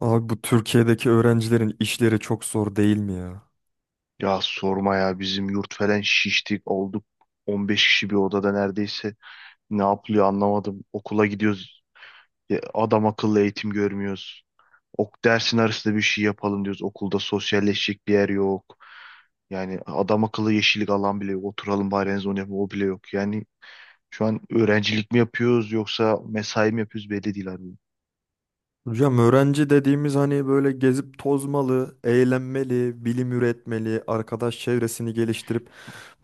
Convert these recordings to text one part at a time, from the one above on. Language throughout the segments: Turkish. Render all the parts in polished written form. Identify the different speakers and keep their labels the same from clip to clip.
Speaker 1: Abi bu Türkiye'deki öğrencilerin işleri çok zor değil mi ya?
Speaker 2: Ya sorma ya bizim yurt falan şiştik olduk. 15 kişi bir odada neredeyse. Ne yapılıyor anlamadım. Okula gidiyoruz. Ya adam akıllı eğitim görmüyoruz. Ok dersin arasında bir şey yapalım diyoruz. Okulda sosyalleşecek bir yer yok. Yani adam akıllı yeşillik alan bile yok. Oturalım bari en onu yapalım. O bile yok. Yani şu an öğrencilik mi yapıyoruz yoksa mesai mi yapıyoruz belli değil abi.
Speaker 1: Hocam öğrenci dediğimiz hani böyle gezip tozmalı, eğlenmeli, bilim üretmeli, arkadaş çevresini geliştirip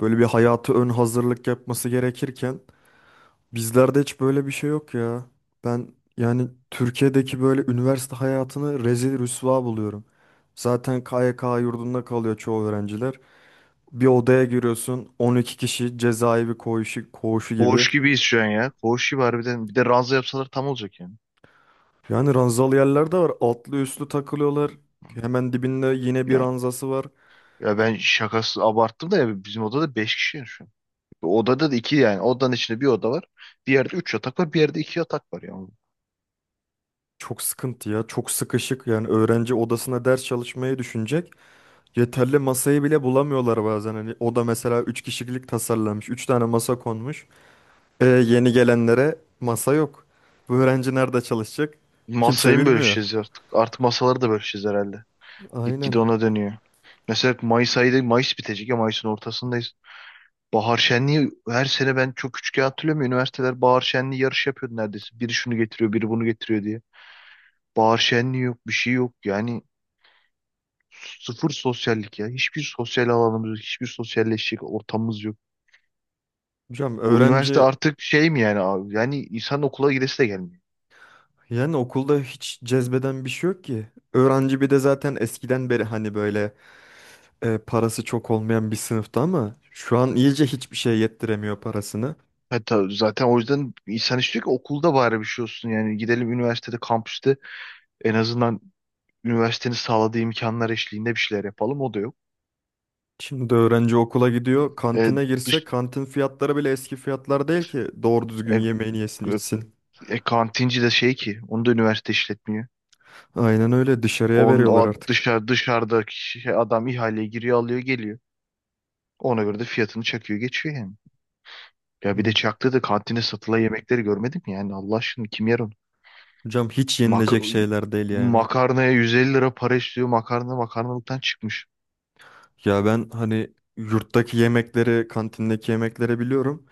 Speaker 1: böyle bir hayatı ön hazırlık yapması gerekirken bizlerde hiç böyle bir şey yok ya. Ben yani Türkiye'deki böyle üniversite hayatını rezil rüsva buluyorum. Zaten KYK yurdunda kalıyor çoğu öğrenciler. Bir odaya giriyorsun 12 kişi, cezaevi koğuşu, koğuşu gibi.
Speaker 2: Koğuş gibiyiz şu an ya. Koğuş gibi harbiden. Bir de ranza yapsalar tam olacak yani.
Speaker 1: Yani ranzalı yerler de var. Altlı üstlü takılıyorlar. Hemen dibinde yine bir
Speaker 2: Ya,
Speaker 1: ranzası var.
Speaker 2: ya, ben şakası abarttım da ya bizim odada 5 kişi ya şu an. Odada da iki, yani odanın içinde bir oda var. Bir yerde üç yatak var, bir yerde iki yatak var yani.
Speaker 1: Çok sıkıntı ya. Çok sıkışık. Yani öğrenci odasına ders çalışmayı düşünecek. Yeterli masayı bile bulamıyorlar bazen. Hani oda mesela 3 kişilik tasarlanmış. Üç tane masa konmuş. E, yeni gelenlere masa yok. Bu öğrenci nerede çalışacak? Kimse
Speaker 2: Masayı mı
Speaker 1: bilmiyor.
Speaker 2: bölüşeceğiz artık? Artık masaları da bölüşeceğiz herhalde. Gitgide
Speaker 1: Aynen.
Speaker 2: ona dönüyor. Mesela Mayıs ayı, Mayıs bitecek ya, Mayıs'ın ortasındayız. Bahar şenliği, her sene ben çok küçükken hatırlıyorum, ya, üniversiteler bahar şenliği yarışı yapıyordu neredeyse. Biri şunu getiriyor, biri bunu getiriyor diye. Bahar şenliği yok, bir şey yok. Yani sıfır sosyallik ya. Hiçbir sosyal alanımız yok, hiçbir sosyalleşecek ortamımız yok.
Speaker 1: Hocam
Speaker 2: Bu üniversite
Speaker 1: öğrenci
Speaker 2: artık şey mi yani abi? Yani insan okula gidesi de gelmiyor.
Speaker 1: yani okulda hiç cezbeden bir şey yok ki. Öğrenci bir de zaten eskiden beri hani böyle parası çok olmayan bir sınıfta ama şu an iyice hiçbir şey yettiremiyor parasını.
Speaker 2: Hatta zaten o yüzden insan istiyor ki okulda bari bir şey olsun. Yani gidelim üniversitede, kampüste en azından üniversitenin sağladığı imkanlar eşliğinde bir şeyler yapalım. O da yok.
Speaker 1: Şimdi öğrenci okula gidiyor.
Speaker 2: E,
Speaker 1: Kantine girse
Speaker 2: dış,
Speaker 1: kantin fiyatları bile eski fiyatlar değil ki doğru
Speaker 2: e,
Speaker 1: düzgün yemeğini yesin
Speaker 2: e,
Speaker 1: içsin.
Speaker 2: e, kantinci de şey ki, onu da üniversite işletmiyor.
Speaker 1: Aynen öyle dışarıya
Speaker 2: On
Speaker 1: veriyorlar
Speaker 2: o
Speaker 1: artık.
Speaker 2: dışarı, dışarıdaki şey, adam ihaleye giriyor, alıyor, geliyor. Ona göre de fiyatını çakıyor, geçiyor yani. Ya bir de
Speaker 1: Hı.
Speaker 2: çaktı da kantine satılan yemekleri görmedim. Yani Allah aşkına kim yer onu?
Speaker 1: Hocam hiç
Speaker 2: Mak
Speaker 1: yenilecek şeyler değil yani.
Speaker 2: makarnaya 150 lira para istiyor. Makarna makarnalıktan çıkmış.
Speaker 1: Ya ben hani yurttaki yemekleri, kantindeki yemekleri biliyorum.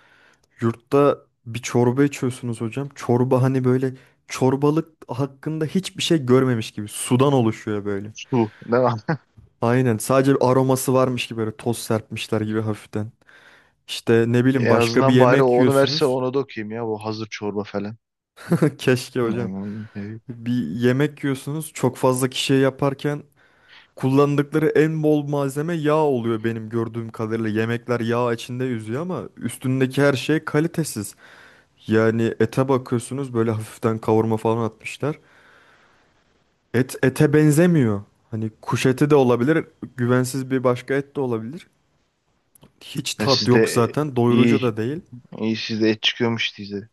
Speaker 1: Yurtta bir çorba içiyorsunuz hocam. Çorba hani böyle çorbalık hakkında hiçbir şey görmemiş gibi sudan oluşuyor böyle.
Speaker 2: Su. Ne?
Speaker 1: Aynen, sadece bir aroması varmış gibi böyle toz serpmişler gibi hafiften. İşte ne bileyim
Speaker 2: En
Speaker 1: başka bir
Speaker 2: azından bari o
Speaker 1: yemek
Speaker 2: onu verse,
Speaker 1: yiyorsunuz.
Speaker 2: onu da okuyayım, ya bu hazır çorba falan.
Speaker 1: Keşke hocam.
Speaker 2: Yani, e,
Speaker 1: Bir yemek yiyorsunuz çok fazla kişiye yaparken kullandıkları en bol malzeme yağ oluyor benim gördüğüm kadarıyla. Yemekler yağ içinde yüzüyor ama üstündeki her şey kalitesiz. Yani ete bakıyorsunuz böyle hafiften kavurma falan atmışlar. Et ete benzemiyor. Hani kuş eti de olabilir, güvensiz bir başka et de olabilir. Hiç
Speaker 2: ya
Speaker 1: tat
Speaker 2: sizde,
Speaker 1: yok
Speaker 2: e,
Speaker 1: zaten, doyurucu
Speaker 2: iyi
Speaker 1: da değil.
Speaker 2: iyi sizde et çıkıyormuş size.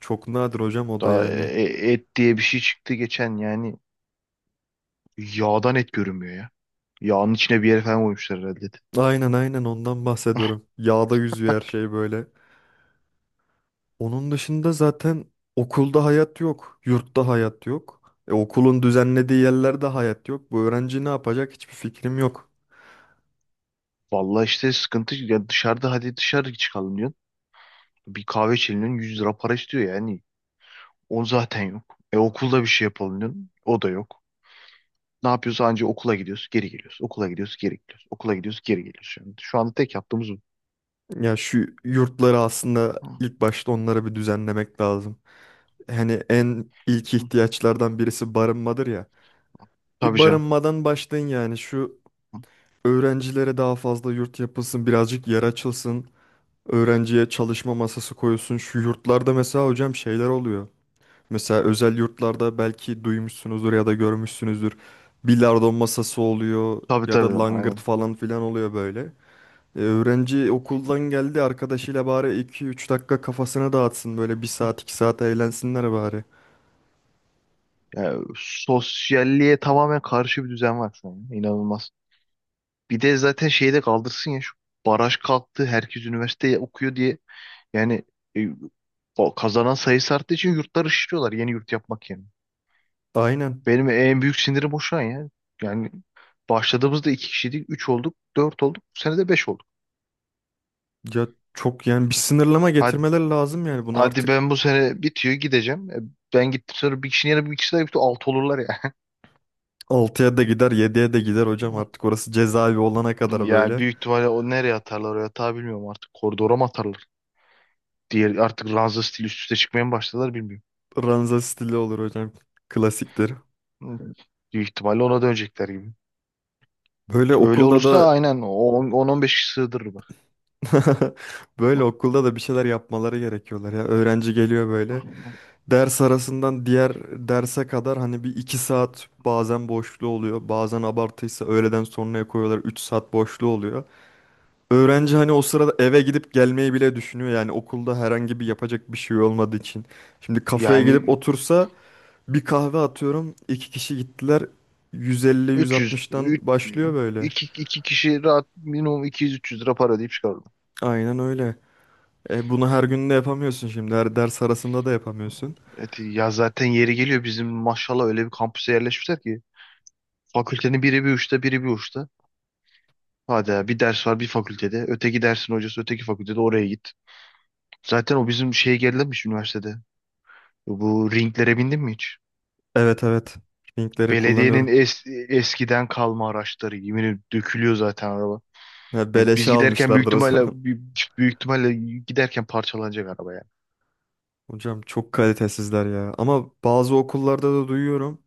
Speaker 1: Çok nadir hocam o da
Speaker 2: Daha
Speaker 1: yani.
Speaker 2: et diye bir şey çıktı geçen yani, yağdan et görünmüyor ya. Yağın içine bir yere falan koymuşlar herhalde.
Speaker 1: Aynen ondan bahsediyorum. Yağda yüzüyor her şey böyle. Onun dışında zaten okulda hayat yok. Yurtta hayat yok. E, okulun düzenlediği yerlerde hayat yok. Bu öğrenci ne yapacak hiçbir fikrim yok.
Speaker 2: Vallahi işte sıkıntı ya, dışarıda hadi dışarı çıkalım diyorsun. Bir kahve içelim diyorsun, 100 lira para istiyor yani. On zaten yok. E okulda bir şey yapalım diyorsun. O da yok. Ne yapıyoruz? Anca okula gidiyoruz, geri geliyoruz. Okula gidiyoruz, geri geliyoruz. Okula gidiyoruz, geri geliyoruz. Yani şu anda tek yaptığımız
Speaker 1: Ya şu yurtları aslında
Speaker 2: bu.
Speaker 1: ilk başta onlara bir düzenlemek lazım. Hani en ilk ihtiyaçlardan birisi barınmadır ya. Bir
Speaker 2: Tabii canım.
Speaker 1: barınmadan başlayın yani şu öğrencilere daha fazla yurt yapılsın, birazcık yer açılsın. Öğrenciye çalışma masası koyuyorsun. Şu yurtlarda mesela hocam şeyler oluyor. Mesela özel yurtlarda belki duymuşsunuzdur ya da görmüşsünüzdür. Bilardo masası oluyor
Speaker 2: Tabii,
Speaker 1: ya da
Speaker 2: tabii.
Speaker 1: langırt
Speaker 2: Aynen.
Speaker 1: falan filan oluyor böyle. E, öğrenci okuldan geldi arkadaşıyla bari iki üç dakika kafasını dağıtsın. Böyle bir saat 2 saat eğlensinler bari.
Speaker 2: Yani sosyalliğe tamamen karşı bir düzen var şu an. İnanılmaz. Bir de zaten şeyi de kaldırsın ya, şu baraj kalktı. Herkes üniversite okuyor diye. Yani e, o kazanan sayısı arttığı için yurtlar ışıtıyorlar yeni yurt yapmak yerine.
Speaker 1: Aynen.
Speaker 2: Benim en büyük sinirim o şu an ya. Yani başladığımızda iki kişiydik. Üç olduk. Dört olduk. Bu sene de beş olduk.
Speaker 1: Ya çok yani bir sınırlama
Speaker 2: Hadi,
Speaker 1: getirmeler lazım yani bunu
Speaker 2: hadi
Speaker 1: artık
Speaker 2: ben bu sene bitiyor, gideceğim. Ben gittim, sonra bir kişinin yerine bir kişi daha gitti. Altı olurlar ya.
Speaker 1: altıya da gider yediye de gider hocam artık orası cezaevi olana kadar
Speaker 2: Yani
Speaker 1: böyle.
Speaker 2: büyük ihtimalle, o nereye atarlar o yatağı bilmiyorum artık. Koridora mı atarlar? Diğer artık ranza stili üst üste çıkmaya mı başladılar, bilmiyorum.
Speaker 1: Ranza stili olur hocam. Klasiktir.
Speaker 2: Hı. Büyük ihtimalle ona dönecekler gibi.
Speaker 1: Böyle
Speaker 2: Öyle
Speaker 1: okulda
Speaker 2: olursa
Speaker 1: da
Speaker 2: aynen o 10-15 kişi sığdırır bak.
Speaker 1: Böyle
Speaker 2: Hı,
Speaker 1: okulda da bir şeyler yapmaları gerekiyorlar ya. Öğrenci geliyor
Speaker 2: hı,
Speaker 1: böyle.
Speaker 2: hı.
Speaker 1: Ders arasından diğer derse kadar hani bir iki saat bazen boşluğu oluyor. Bazen abartıysa öğleden sonraya koyuyorlar. 3 saat boşluğu oluyor. Öğrenci hani o sırada eve gidip gelmeyi bile düşünüyor. Yani okulda herhangi bir yapacak bir şey olmadığı için. Şimdi kafeye gidip
Speaker 2: Yani
Speaker 1: otursa bir kahve atıyorum. İki kişi gittiler. 150, 100
Speaker 2: 300,
Speaker 1: 160'tan
Speaker 2: 3,
Speaker 1: başlıyor böyle.
Speaker 2: 2 2 kişi rahat minimum 200-300 lira para deyip çıkarırım.
Speaker 1: Aynen öyle. E, bunu her gün de yapamıyorsun şimdi. Her ders arasında da yapamıyorsun.
Speaker 2: Evet, ya zaten yeri geliyor, bizim maşallah öyle bir kampüse yerleşmişler ki fakültenin biri bir uçta, biri bir uçta. Hadi ya, bir ders var bir fakültede. Öteki dersin hocası öteki fakültede, oraya git. Zaten o bizim şeye gerilemiş üniversitede. Bu ringlere bindin mi hiç?
Speaker 1: Evet, evet. Linkleri
Speaker 2: Belediyenin
Speaker 1: kullanıyorum.
Speaker 2: eskiden kalma araçları. Yemin ederim dökülüyor zaten araba.
Speaker 1: Ha,
Speaker 2: Yani
Speaker 1: beleşe
Speaker 2: biz giderken büyük
Speaker 1: almışlardır o zaman.
Speaker 2: ihtimalle büyük ihtimalle giderken parçalanacak araba yani.
Speaker 1: Hocam çok kalitesizler ya. Ama bazı okullarda da duyuyorum.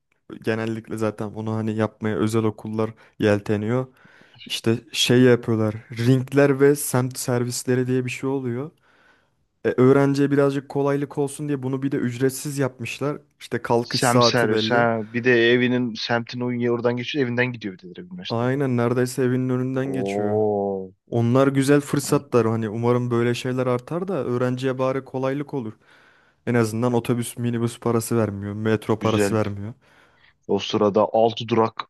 Speaker 1: Genellikle zaten onu hani yapmaya özel okullar yelteniyor. İşte şey yapıyorlar. Ringler ve semt servisleri diye bir şey oluyor. E, öğrenciye birazcık kolaylık olsun diye bunu bir de ücretsiz yapmışlar. İşte kalkış
Speaker 2: Sem
Speaker 1: saati
Speaker 2: servis
Speaker 1: belli.
Speaker 2: ha. Bir de evinin semtin o oradan geçiyor. Evinden gidiyor bir de direkt üniversiteye.
Speaker 1: Aynen, neredeyse evinin önünden geçiyor.
Speaker 2: Oo.
Speaker 1: Onlar güzel fırsatlar, hani umarım böyle şeyler artar da öğrenciye bari kolaylık olur. En azından otobüs minibüs parası vermiyor, metro parası
Speaker 2: Güzel.
Speaker 1: vermiyor.
Speaker 2: O sırada 6 durak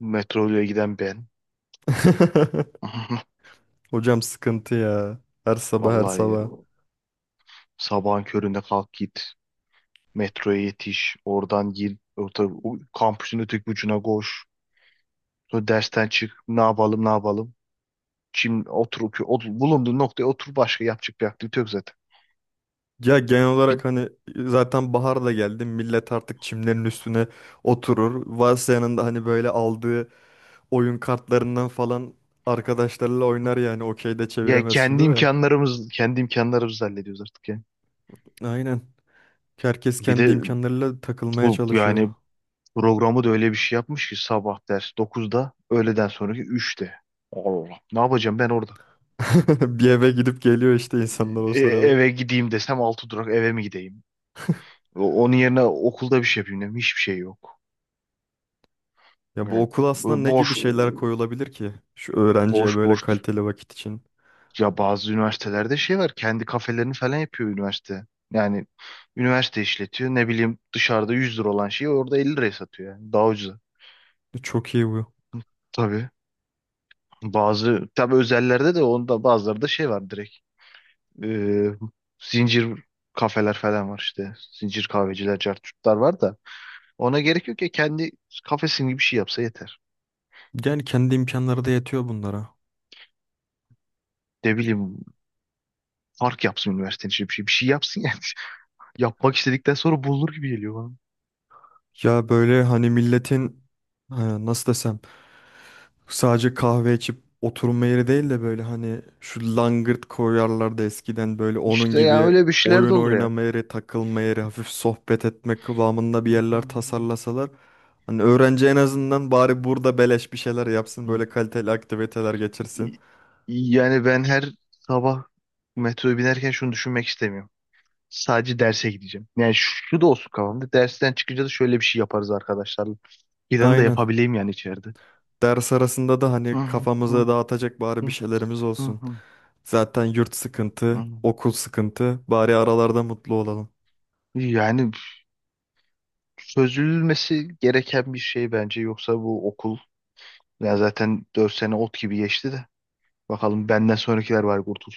Speaker 2: metroyla giden ben.
Speaker 1: Hocam sıkıntı ya. Her sabah, her
Speaker 2: Vallahi ya.
Speaker 1: sabah.
Speaker 2: Sabahın köründe kalk git. Metroya yetiş. Oradan gir. Orta, o kampüsün öteki ucuna koş. Sonra dersten çık. Ne yapalım, ne yapalım. Şimdi oturup bulunduğun noktaya otur, başka yapacak bir aktivite yok zaten.
Speaker 1: Ya genel
Speaker 2: Bir,
Speaker 1: olarak hani zaten bahar da geldi. Millet artık çimlerin üstüne oturur. Varsa yanında hani böyle aldığı oyun kartlarından falan arkadaşlarıyla oynar yani. Okey de
Speaker 2: ya
Speaker 1: çeviremez
Speaker 2: kendi
Speaker 1: şimdi de.
Speaker 2: imkanlarımız kendi imkanlarımızı hallediyoruz artık ya.
Speaker 1: Aynen. Herkes
Speaker 2: Bir
Speaker 1: kendi
Speaker 2: de
Speaker 1: imkanlarıyla takılmaya
Speaker 2: bu
Speaker 1: çalışıyor.
Speaker 2: yani programı da öyle bir şey yapmış ki sabah ders 9'da, öğleden sonraki 3'te. Allah. Ne yapacağım ben orada?
Speaker 1: Bir eve gidip geliyor işte insanlar o sırada.
Speaker 2: Eve gideyim desem, altı durak eve mi gideyim? Onun yerine okulda bir şey yapayım dedim. Hiçbir şey yok.
Speaker 1: Ya bu
Speaker 2: Yani
Speaker 1: okul aslında
Speaker 2: bu
Speaker 1: ne gibi
Speaker 2: boş,
Speaker 1: şeyler koyulabilir ki? Şu öğrenciye
Speaker 2: boş
Speaker 1: böyle
Speaker 2: boştur.
Speaker 1: kaliteli vakit için.
Speaker 2: Ya bazı üniversitelerde şey var. Kendi kafelerini falan yapıyor üniversite. Yani üniversite işletiyor. Ne bileyim, dışarıda 100 lira olan şeyi orada 50 liraya satıyor yani. Daha ucuza.
Speaker 1: E, çok iyi bu.
Speaker 2: Tabii. Bazı tabii özellerde de onda bazıları da şey var direkt. Ee, Zincir kafeler falan var işte. Zincir kahveciler, cartçutlar var da ona gerek yok ya, kendi kafesin gibi bir şey yapsa yeter.
Speaker 1: Yani kendi imkanları da yetiyor bunlara.
Speaker 2: Ne bileyim, park yapsın üniversitenin içinde, bir şey yapsın yani. Yapmak istedikten sonra bulunur gibi geliyor bana.
Speaker 1: Ya böyle hani milletin, nasıl desem, sadece kahve içip oturma yeri değil de böyle hani şu langırt koyarlardı eskiden böyle onun
Speaker 2: İşte ya
Speaker 1: gibi
Speaker 2: öyle bir şeyler de
Speaker 1: oyun
Speaker 2: olur yani.
Speaker 1: oynama yeri, takılma yeri, hafif sohbet etme kıvamında bir yerler tasarlasalar. Hani öğrenci en azından bari burada beleş bir şeyler yapsın,
Speaker 2: Hı.
Speaker 1: böyle kaliteli aktiviteler geçirsin.
Speaker 2: Yani ben her sabah metroya binerken şunu düşünmek istemiyorum. Sadece derse gideceğim. Yani şu da olsun kafamda: dersten çıkınca da şöyle bir şey yaparız arkadaşlarla. İran'ı da
Speaker 1: Aynen.
Speaker 2: yapabileyim yani içeride.
Speaker 1: Ders arasında da
Speaker 2: Hı,
Speaker 1: hani kafamıza
Speaker 2: hı,
Speaker 1: dağıtacak bari bir şeylerimiz
Speaker 2: hı,
Speaker 1: olsun.
Speaker 2: hı,
Speaker 1: Zaten yurt
Speaker 2: hı,
Speaker 1: sıkıntı,
Speaker 2: hı.
Speaker 1: okul sıkıntı, bari aralarda mutlu olalım.
Speaker 2: Yani çözülmesi gereken bir şey bence. Yoksa bu okul, ya zaten 4 sene ot gibi geçti de. Bakalım benden sonrakiler var, kurtul.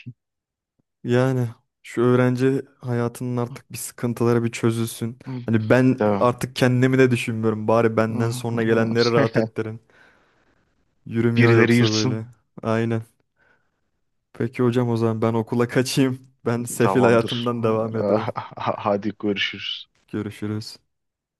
Speaker 1: Yani şu öğrenci hayatının artık bir sıkıntıları bir çözülsün.
Speaker 2: Hı.
Speaker 1: Hani ben
Speaker 2: Tamam.
Speaker 1: artık kendimi de düşünmüyorum. Bari benden sonra gelenleri rahat ettirin. Yürümüyor
Speaker 2: Birileri
Speaker 1: yoksa böyle.
Speaker 2: yırtsın.
Speaker 1: Aynen. Peki hocam o zaman ben okula kaçayım. Ben sefil
Speaker 2: Tamamdır.
Speaker 1: hayatımdan devam ediyorum.
Speaker 2: Hadi görüşürüz.
Speaker 1: Görüşürüz.